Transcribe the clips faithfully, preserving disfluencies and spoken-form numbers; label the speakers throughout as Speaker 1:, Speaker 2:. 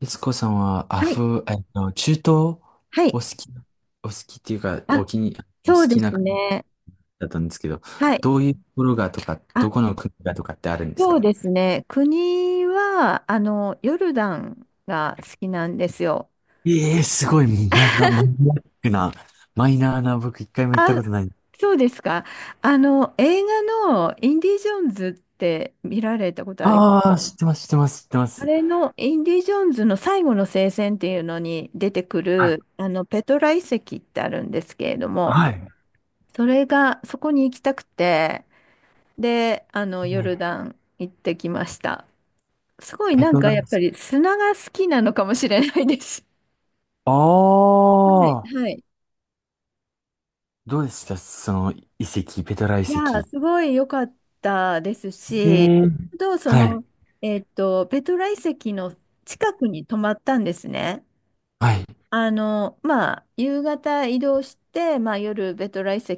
Speaker 1: 悦子さんはア
Speaker 2: はい。
Speaker 1: フ、えっと、中東お
Speaker 2: はい。
Speaker 1: 好き、お好きっていうか、
Speaker 2: あ、
Speaker 1: お気に、好
Speaker 2: そうで
Speaker 1: きな
Speaker 2: す
Speaker 1: 国
Speaker 2: ね。
Speaker 1: だったんですけど、
Speaker 2: はい。
Speaker 1: どういうところがとか、
Speaker 2: あ、
Speaker 1: どこの国がとかってあるんです
Speaker 2: そう
Speaker 1: か？
Speaker 2: ですね。国は、あの、ヨルダンが好きなんですよ。
Speaker 1: ええー、すごい。まだマニアックな、マイナーな。僕一回も行った
Speaker 2: あ、
Speaker 1: ことない。
Speaker 2: そうですか。あの、映画のインディ・ジョーンズって見られたことありま
Speaker 1: あ
Speaker 2: す。
Speaker 1: あ、知ってます、知ってます、知ってま
Speaker 2: あ
Speaker 1: す。
Speaker 2: れのインディ・ジョーンズの最後の聖戦っていうのに出てく
Speaker 1: はい、
Speaker 2: る、あの、ペトラ遺跡ってあるんですけれども、
Speaker 1: はい。
Speaker 2: それが、そこに行きたくて、で、あの、ヨ
Speaker 1: ね、
Speaker 2: ルダン行ってきました。すごい
Speaker 1: ペ
Speaker 2: なん
Speaker 1: ト
Speaker 2: か
Speaker 1: ラ遺
Speaker 2: やっ
Speaker 1: 跡。
Speaker 2: ぱり砂が好きなのかもしれないです。
Speaker 1: あ
Speaker 2: はい、
Speaker 1: あ、
Speaker 2: はい。
Speaker 1: どうでしたその遺跡、ペトラ遺
Speaker 2: いやー、
Speaker 1: 跡？
Speaker 2: すごい良かったです
Speaker 1: え
Speaker 2: し、
Speaker 1: え、
Speaker 2: あとそ
Speaker 1: はい、
Speaker 2: の、えっと、ペトラ遺跡の近くに泊まったんですね。
Speaker 1: はい、
Speaker 2: あの、まあ、夕方移動して、まあ、夜、ベトラ遺跡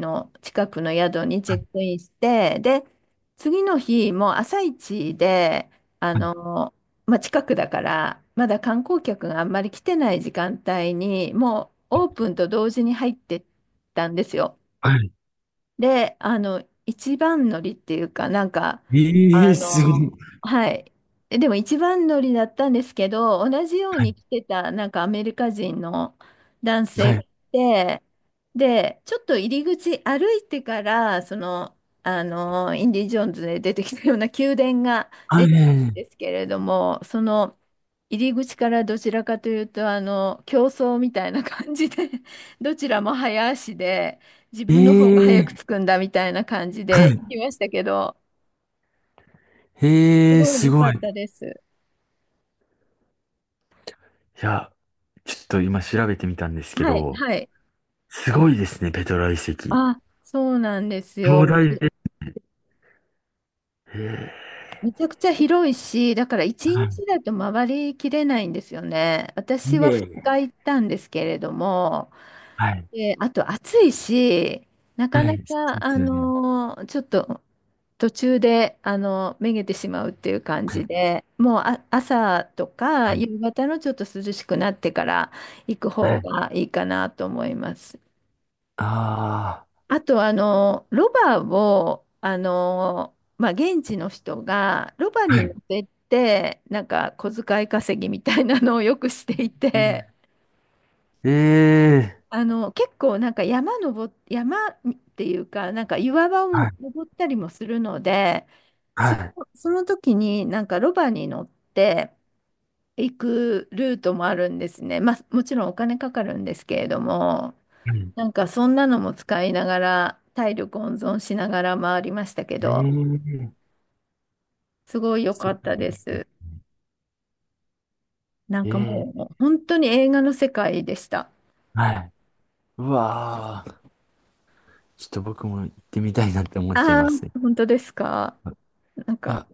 Speaker 2: の近くの宿にチェックインして、で、次の日、もう朝一で、あ
Speaker 1: はい、
Speaker 2: の、まあ、近くだから、まだ観光客があんまり来てない時間帯に、もうオープンと同時に入ってったんですよ。
Speaker 1: はい。
Speaker 2: で、あの、一番乗りっていうか、なんか、
Speaker 1: ええ
Speaker 2: あ
Speaker 1: ー、すごい。
Speaker 2: の、はい。えでも一番乗りだったんですけど、同じように来てた、なんかアメリカ人の男性
Speaker 1: は
Speaker 2: が
Speaker 1: い。
Speaker 2: いて、で、ちょっと入り口歩いてから、その、あの、インディ・ジョーンズで出てきたような宮殿が
Speaker 1: は
Speaker 2: 出てくるん
Speaker 1: い。
Speaker 2: ですけれども、その、入り口からどちらかというと、あの、競争みたいな感じで、どちらも早足で、自分の方が早く
Speaker 1: ええ、
Speaker 2: 着くんだみたいな感じ
Speaker 1: は
Speaker 2: で
Speaker 1: い。
Speaker 2: 行きましたけど、す
Speaker 1: ええ、
Speaker 2: ごい
Speaker 1: す
Speaker 2: 良か
Speaker 1: ごい。
Speaker 2: っ
Speaker 1: い
Speaker 2: たです。
Speaker 1: や、ちょっと今調べてみたんですけ
Speaker 2: はい、
Speaker 1: ど、
Speaker 2: はい。
Speaker 1: すごいですね、ペトラ遺跡。
Speaker 2: あ、そうなんです
Speaker 1: 壮
Speaker 2: よ。
Speaker 1: 大
Speaker 2: で、
Speaker 1: で。ええ、
Speaker 2: めちゃくちゃ広いし、だから一
Speaker 1: はい。
Speaker 2: 日だと回りきれないんですよね。私
Speaker 1: い
Speaker 2: は
Speaker 1: えい
Speaker 2: 2
Speaker 1: え、
Speaker 2: 日行ったんですけれども、
Speaker 1: はい。
Speaker 2: で、あと暑いし、なか
Speaker 1: は
Speaker 2: な
Speaker 1: い。そう
Speaker 2: か、
Speaker 1: で
Speaker 2: あ
Speaker 1: すよね。
Speaker 2: のーちょっと途中で、あのめげてしまうっていう感
Speaker 1: は
Speaker 2: じ
Speaker 1: い。
Speaker 2: で、もうあ、朝とか
Speaker 1: はい。
Speaker 2: 夕方のちょっと涼しくなってから行く方がいいかなと思います。
Speaker 1: あ
Speaker 2: あと、あのロバを、あのまあ、現地の人がロバ
Speaker 1: あー、は
Speaker 2: に乗
Speaker 1: い。
Speaker 2: せて、なんか小遣い稼ぎみたいなのをよくしてい
Speaker 1: うん、
Speaker 2: て、
Speaker 1: ええ、
Speaker 2: あの、結構なんか山登っ、山っていうか、なんか岩場を
Speaker 1: はい。
Speaker 2: 登ったりもするので、
Speaker 1: は
Speaker 2: そ
Speaker 1: い。
Speaker 2: の、その時になんかロバに乗って行くルートもあるんですね。まあ、もちろんお金かかるんですけれども、
Speaker 1: うん、
Speaker 2: なんかそんなのも使いながら、体力温存しながら回りましたけど、
Speaker 1: ええ、
Speaker 2: すごい良か
Speaker 1: す
Speaker 2: っ
Speaker 1: ご
Speaker 2: たで
Speaker 1: い。
Speaker 2: す。なんか
Speaker 1: ええ、
Speaker 2: もう本当に映画の世界でした。
Speaker 1: はい。うわあ。ちょっと僕も行ってみたいなって思っちゃい
Speaker 2: あ
Speaker 1: ますね。
Speaker 2: あ、本当ですか。なん
Speaker 1: い
Speaker 2: か、
Speaker 1: や、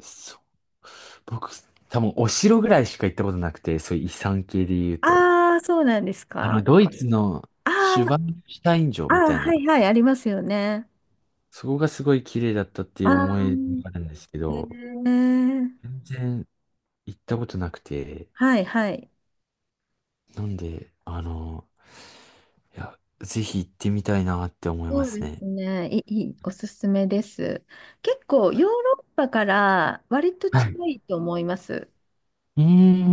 Speaker 1: そう。僕、多分お城ぐらいしか行ったことなくて、そういう遺産系で言うと。
Speaker 2: ああ、そうなんです
Speaker 1: あ
Speaker 2: か。
Speaker 1: の、ドイツのシュバ
Speaker 2: ああ。
Speaker 1: ンシュタイン城
Speaker 2: あ
Speaker 1: み
Speaker 2: あ、
Speaker 1: たい
Speaker 2: は
Speaker 1: な、
Speaker 2: いはい、ありますよね。
Speaker 1: そこがすごい綺麗だったってい
Speaker 2: あ
Speaker 1: う思いが
Speaker 2: あ、
Speaker 1: あるんですけ
Speaker 2: え
Speaker 1: ど、
Speaker 2: ー、
Speaker 1: 全然行ったことなくて、
Speaker 2: はいはい。
Speaker 1: なんで、あの、いや、ぜひ行ってみたいなって思い
Speaker 2: そ
Speaker 1: ま
Speaker 2: う
Speaker 1: す
Speaker 2: です
Speaker 1: ね。
Speaker 2: ね。いい、いいおすすめです。結構、ヨーロッパから割と
Speaker 1: は
Speaker 2: 近
Speaker 1: い。
Speaker 2: いと思います。
Speaker 1: うー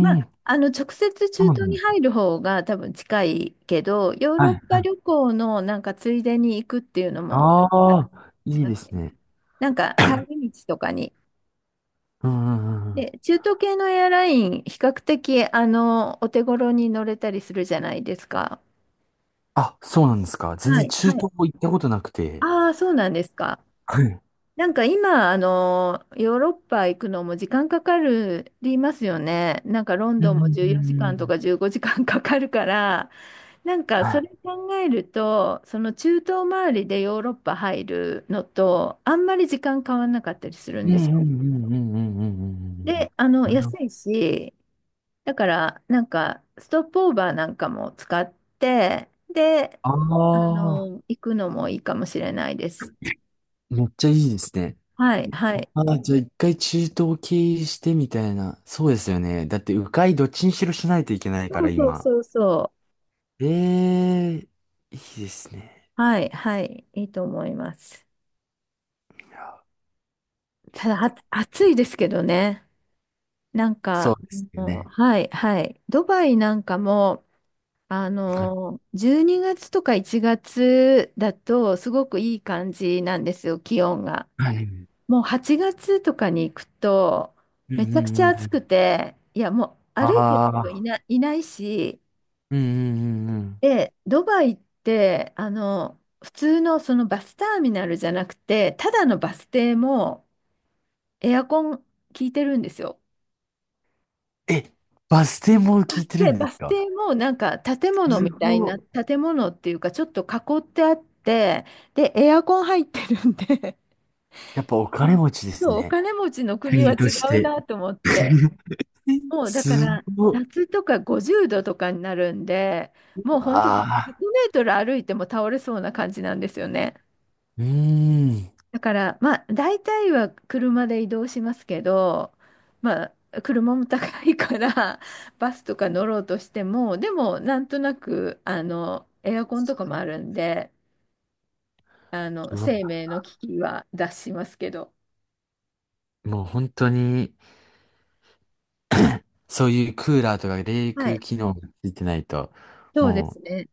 Speaker 2: まあ、あの、直接
Speaker 1: そ
Speaker 2: 中
Speaker 1: うな
Speaker 2: 東
Speaker 1: ん
Speaker 2: に
Speaker 1: だ。
Speaker 2: 入る方が多分近いけど、ヨー
Speaker 1: は
Speaker 2: ロッ
Speaker 1: い、は
Speaker 2: パ
Speaker 1: い。
Speaker 2: 旅行のなんかついでに行くっていうのも、
Speaker 1: ああ、いいですね。
Speaker 2: なんか帰り道とかに。
Speaker 1: うん、うん、うんうん。
Speaker 2: で、中東系のエアライン、比較的、あの、お手頃に乗れたりするじゃないですか。
Speaker 1: あ、そうなんですか。全
Speaker 2: は
Speaker 1: 然
Speaker 2: い、
Speaker 1: 中
Speaker 2: はい。
Speaker 1: 東も行ったことなくて。
Speaker 2: ああ、そうなんですか。
Speaker 1: はい。
Speaker 2: なんか今、あの、ヨーロッパ行くのも時間かかるりますよね。なんかロン
Speaker 1: う
Speaker 2: ドンも
Speaker 1: ん
Speaker 2: 14時
Speaker 1: う
Speaker 2: 間と
Speaker 1: ん、
Speaker 2: かじゅうごじかんかんかかるから、なんか
Speaker 1: は
Speaker 2: そ
Speaker 1: い。
Speaker 2: れ考えると、その中東周りでヨーロッパ入るのと、あんまり時間変わんなかったりする
Speaker 1: う
Speaker 2: ん
Speaker 1: ん
Speaker 2: で
Speaker 1: う
Speaker 2: すよ。
Speaker 1: んうんうんうんうんうんうんうん。
Speaker 2: で、あの、
Speaker 1: あの、
Speaker 2: 安いし、だからなんかストップオーバーなんかも使って、で、
Speaker 1: あ
Speaker 2: あ
Speaker 1: あ、
Speaker 2: の、行くのもいいかもしれないです。
Speaker 1: めっちゃいいですね。
Speaker 2: はい、はい。
Speaker 1: ああ、じゃあ一回中東経由してみたいな。そうですよね。だって迂回どっちにしろしないといけないか
Speaker 2: そ
Speaker 1: ら
Speaker 2: うそう
Speaker 1: 今。
Speaker 2: そうそ
Speaker 1: ええ、いいですね。
Speaker 2: う。はい、はい、いいと思います。
Speaker 1: いや、ちょ
Speaker 2: た
Speaker 1: っ
Speaker 2: だ、
Speaker 1: と。
Speaker 2: あ、暑いですけどね。なん
Speaker 1: そ
Speaker 2: か、
Speaker 1: うです
Speaker 2: あ
Speaker 1: よ
Speaker 2: の、
Speaker 1: ね。
Speaker 2: はい、はい。ドバイなんかも、あ
Speaker 1: はい。
Speaker 2: の、じゅうにがつとかいちがつだと、すごくいい感じなんですよ、気温が。
Speaker 1: はい。うん
Speaker 2: もうはちがつとかに行くと、
Speaker 1: うんう
Speaker 2: めちゃくち
Speaker 1: ん
Speaker 2: ゃ
Speaker 1: う
Speaker 2: 暑く
Speaker 1: ん。
Speaker 2: て、いや、もう歩いてる
Speaker 1: あ
Speaker 2: 人い
Speaker 1: あ。
Speaker 2: な、いないし、
Speaker 1: うんうんうんうん。
Speaker 2: で、ドバイって、あの、普通のそのバスターミナルじゃなくて、ただのバス停もエアコン効いてるんですよ。
Speaker 1: え、バス停も
Speaker 2: バ
Speaker 1: 聞い
Speaker 2: ス
Speaker 1: てる
Speaker 2: 停、
Speaker 1: んで
Speaker 2: バ
Speaker 1: す
Speaker 2: ス
Speaker 1: か？
Speaker 2: 停もなんか建物
Speaker 1: す
Speaker 2: みたい
Speaker 1: ご
Speaker 2: な、
Speaker 1: い。
Speaker 2: 建物っていうかちょっと囲ってあって、で、エアコン入ってるんで。
Speaker 1: やっぱお
Speaker 2: い
Speaker 1: 金
Speaker 2: や、
Speaker 1: 持ちで
Speaker 2: そ
Speaker 1: す
Speaker 2: う、お
Speaker 1: ね。
Speaker 2: 金持ちの国は
Speaker 1: 国と
Speaker 2: 違
Speaker 1: し
Speaker 2: う
Speaker 1: て。
Speaker 2: なと思って。もうだか
Speaker 1: す
Speaker 2: ら
Speaker 1: ごっ。
Speaker 2: 夏とかごじゅうどとかになるんで、もう本当に
Speaker 1: あ
Speaker 2: 100メ
Speaker 1: あ。
Speaker 2: ートル歩いても倒れそうな感じなんですよね。
Speaker 1: うーん。
Speaker 2: だから、まあ、大体は車で移動しますけど、まあ、車も高いから、バスとか乗ろうとしても、でも、なんとなく、あの、エアコンとかもあるんで、あの、
Speaker 1: うわ、
Speaker 2: 生命の危機は脱しますけど。
Speaker 1: もう本当に、そういうクーラーとか冷
Speaker 2: はい。
Speaker 1: 却機能がついてないと、
Speaker 2: そうで
Speaker 1: も
Speaker 2: す
Speaker 1: う
Speaker 2: ね。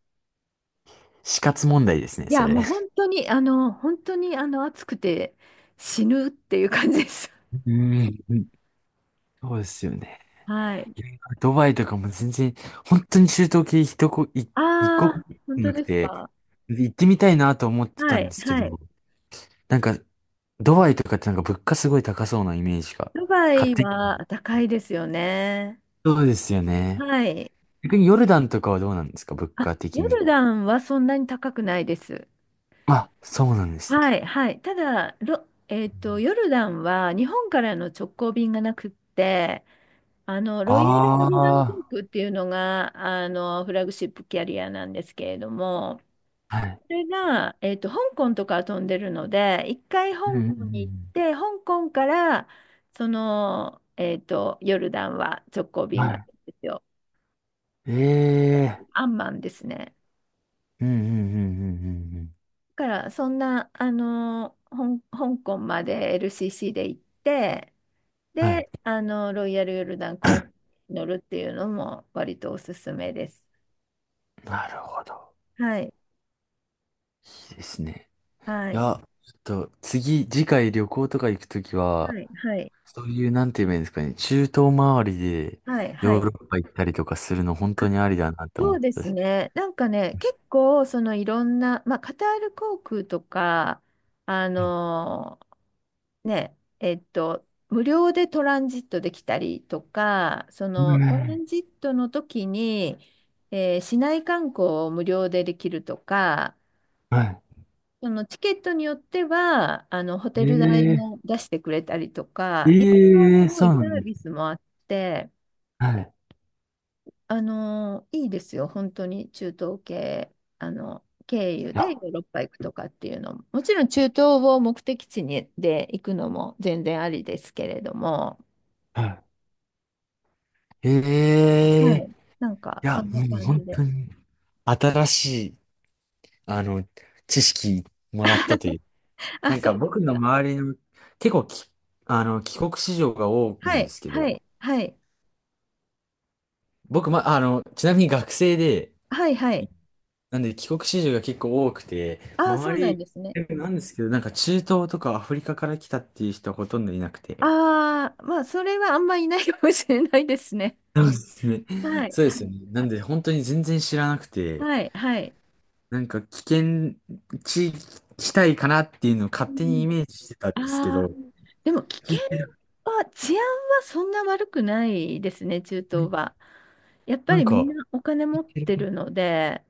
Speaker 1: 死活問題ですね、
Speaker 2: い
Speaker 1: そ
Speaker 2: や、
Speaker 1: れ。
Speaker 2: もう本当に、あの、本当に、あの、暑くて死ぬっていう感じです。
Speaker 1: うん。そうですよね。
Speaker 2: はい。
Speaker 1: いや、ドバイとかも全然、本当に中東系一こ、い一国
Speaker 2: ああ、本
Speaker 1: も
Speaker 2: 当
Speaker 1: なく
Speaker 2: です
Speaker 1: て、
Speaker 2: か。
Speaker 1: 行ってみたいなと思ってた
Speaker 2: は
Speaker 1: ん
Speaker 2: い、
Speaker 1: ですけ
Speaker 2: はい。
Speaker 1: ど、なんか、ドバイとかってなんか物価すごい高そうなイメージが、
Speaker 2: ドバ
Speaker 1: 勝
Speaker 2: イ
Speaker 1: 手に。
Speaker 2: は高いですよね。
Speaker 1: そうですよね。
Speaker 2: はい。
Speaker 1: 逆にヨルダンとかはどうなんですか物
Speaker 2: あ、
Speaker 1: 価的
Speaker 2: ヨ
Speaker 1: に
Speaker 2: ル
Speaker 1: は？
Speaker 2: ダンはそんなに高くないです。
Speaker 1: あ、そうなんですね。
Speaker 2: はい、はい。ただ、ロ、えっと、ヨルダンは日本からの直行便がなくって、あの、ロイヤルヨルダン航
Speaker 1: あ
Speaker 2: 空っていうのが、あの、フラグシップキャリアなんですけれども、
Speaker 1: あ、はい。
Speaker 2: それが、えっと、香港とか飛んでるので、一回
Speaker 1: うんう
Speaker 2: 香港に行っ
Speaker 1: んう
Speaker 2: て、香港から、その、えっと、ヨルダンは直行
Speaker 1: ん。
Speaker 2: 便があるん
Speaker 1: は
Speaker 2: ですよ。
Speaker 1: い。え
Speaker 2: ア
Speaker 1: え
Speaker 2: ンマンですね。
Speaker 1: ー、うんうんうんうんうんうん。
Speaker 2: だから、そんな、あの、ほん香港まで エルシーシー で行って、
Speaker 1: はい。
Speaker 2: で、あの、ロイヤルヨルダン航空に乗るっていうのも割とおすすめです。
Speaker 1: なるほど。
Speaker 2: はい、
Speaker 1: いいですね。
Speaker 2: は
Speaker 1: い
Speaker 2: い、
Speaker 1: や、ちょっと次、次回旅行とか行くときは、
Speaker 2: はい、はい、
Speaker 1: そういう、なんて言えばいいんですかね、中東周りで
Speaker 2: はい、は
Speaker 1: ヨー
Speaker 2: い。
Speaker 1: ロッパ行ったりとかするの本当
Speaker 2: あ、
Speaker 1: にありだなって思
Speaker 2: そう
Speaker 1: っ
Speaker 2: で
Speaker 1: た
Speaker 2: す
Speaker 1: し。
Speaker 2: ね。なんかね、結構、そのいろんな、まあ、カタール航空とか、あのね、えっと、無料でトランジットできたりとか、そ
Speaker 1: う
Speaker 2: のトラ
Speaker 1: ん。
Speaker 2: ンジットの時に、えー市内観光を無料でできるとか、
Speaker 1: はい。
Speaker 2: そのチケットによっては、あの、ホテル代
Speaker 1: ええ
Speaker 2: も出してくれたりと
Speaker 1: ー
Speaker 2: か、いろいろ
Speaker 1: え
Speaker 2: す
Speaker 1: えー、
Speaker 2: ご
Speaker 1: そ
Speaker 2: い
Speaker 1: うな
Speaker 2: サ
Speaker 1: ん
Speaker 2: ー
Speaker 1: で
Speaker 2: ビ
Speaker 1: すね。
Speaker 2: スもあって、
Speaker 1: はい。
Speaker 2: あの、いいですよ、本当に中東系、あの、経由
Speaker 1: いや、
Speaker 2: でヨーロッパ行くとかっていうのも、もちろん中東を目的地にで行くのも全然ありですけれども、
Speaker 1: はい。え
Speaker 2: は
Speaker 1: え、
Speaker 2: い。
Speaker 1: い
Speaker 2: なんか、そ
Speaker 1: や、
Speaker 2: んな
Speaker 1: もう
Speaker 2: 感
Speaker 1: 本
Speaker 2: じで。
Speaker 1: 当に新しい、あの、知識もらったとい う。
Speaker 2: あ、
Speaker 1: なんか
Speaker 2: そうです
Speaker 1: 僕の
Speaker 2: か。
Speaker 1: 周りの、結構き、あの、帰国子女が多い
Speaker 2: は
Speaker 1: んで
Speaker 2: い、
Speaker 1: すけど、
Speaker 2: はい、はい、
Speaker 1: 僕、ま、あの、ちなみに学生で、
Speaker 2: はい、はい。
Speaker 1: なんで帰国子女が結構多くて、
Speaker 2: ああ、そ
Speaker 1: 周
Speaker 2: うなん
Speaker 1: り、
Speaker 2: ですね。
Speaker 1: なんですけど、なんか中東とかアフリカから来たっていう人はほとんどいなくて。
Speaker 2: ああ、まあ、それはあんまいないかもしれないですね。
Speaker 1: そうですね。
Speaker 2: はい、
Speaker 1: そうで
Speaker 2: は
Speaker 1: すよ
Speaker 2: い、
Speaker 1: ね。なんで本当に全然知らなくて、
Speaker 2: はい、はい。
Speaker 1: なんか危険地地帯かなっていうのを勝
Speaker 2: う
Speaker 1: 手に
Speaker 2: ん、
Speaker 1: イメージしてたんですけ
Speaker 2: あ
Speaker 1: ど、
Speaker 2: あ、でも危
Speaker 1: 聞
Speaker 2: 険
Speaker 1: いてる。
Speaker 2: は、治安はそんな悪くないですね、中東は。やっぱ
Speaker 1: なん
Speaker 2: りみん
Speaker 1: か、
Speaker 2: なお金持ってるので、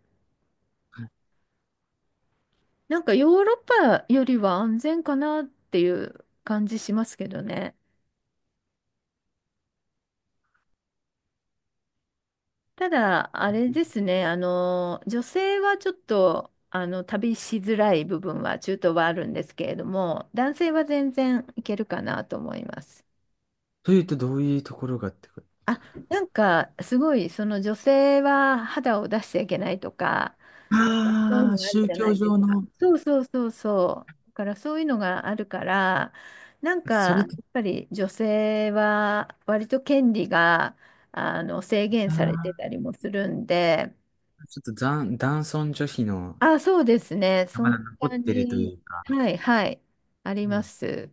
Speaker 2: なんかヨーロッパよりは安全かなっていう感じしますけどね。ただ、あれですね、あの、女性はちょっと、あの、旅しづらい部分は、中東はあるんですけれども、男性は全然いけるかなと思います。
Speaker 1: というとどういうところがってこと？
Speaker 2: あ、なんか、すごい、その女性は肌を出しちゃいけないとか、そういう
Speaker 1: ああー、
Speaker 2: のがある
Speaker 1: 宗
Speaker 2: じゃな
Speaker 1: 教
Speaker 2: いです
Speaker 1: 上
Speaker 2: か。
Speaker 1: の、
Speaker 2: そうそうそうそう。だからそういうのがあるから、なんか、
Speaker 1: それっ
Speaker 2: や
Speaker 1: て、
Speaker 2: っぱり女性は割と権利が、あの、制限
Speaker 1: あ
Speaker 2: されてた
Speaker 1: あ、
Speaker 2: りもするんで、
Speaker 1: ちょっと残、男尊女卑の、
Speaker 2: あ、そうですね。そ
Speaker 1: ま
Speaker 2: ん
Speaker 1: だ残
Speaker 2: な
Speaker 1: っ
Speaker 2: 感
Speaker 1: てるとい
Speaker 2: じ。
Speaker 1: うか、
Speaker 2: はい、はい。あり
Speaker 1: う
Speaker 2: ま
Speaker 1: ん、
Speaker 2: す。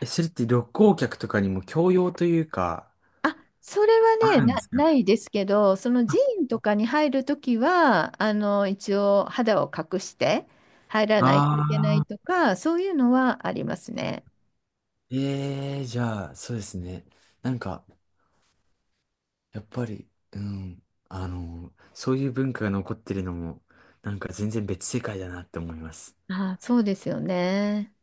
Speaker 1: え、それって旅行客とかにも教養というか、
Speaker 2: あ、それは
Speaker 1: あ
Speaker 2: ね、
Speaker 1: るんで
Speaker 2: な、
Speaker 1: すか？
Speaker 2: ないですけど、その
Speaker 1: あ
Speaker 2: 寺院とかに入るときは、あの、一応肌を隠して入らないといけない
Speaker 1: あ
Speaker 2: とか、そういうのはありますね。
Speaker 1: ー、ええー、じゃあ、そうですね。なんか、やっぱり、うん、あの、そういう文化が残ってるのも、なんか全然別世界だなって思います。
Speaker 2: あ、そうですよね。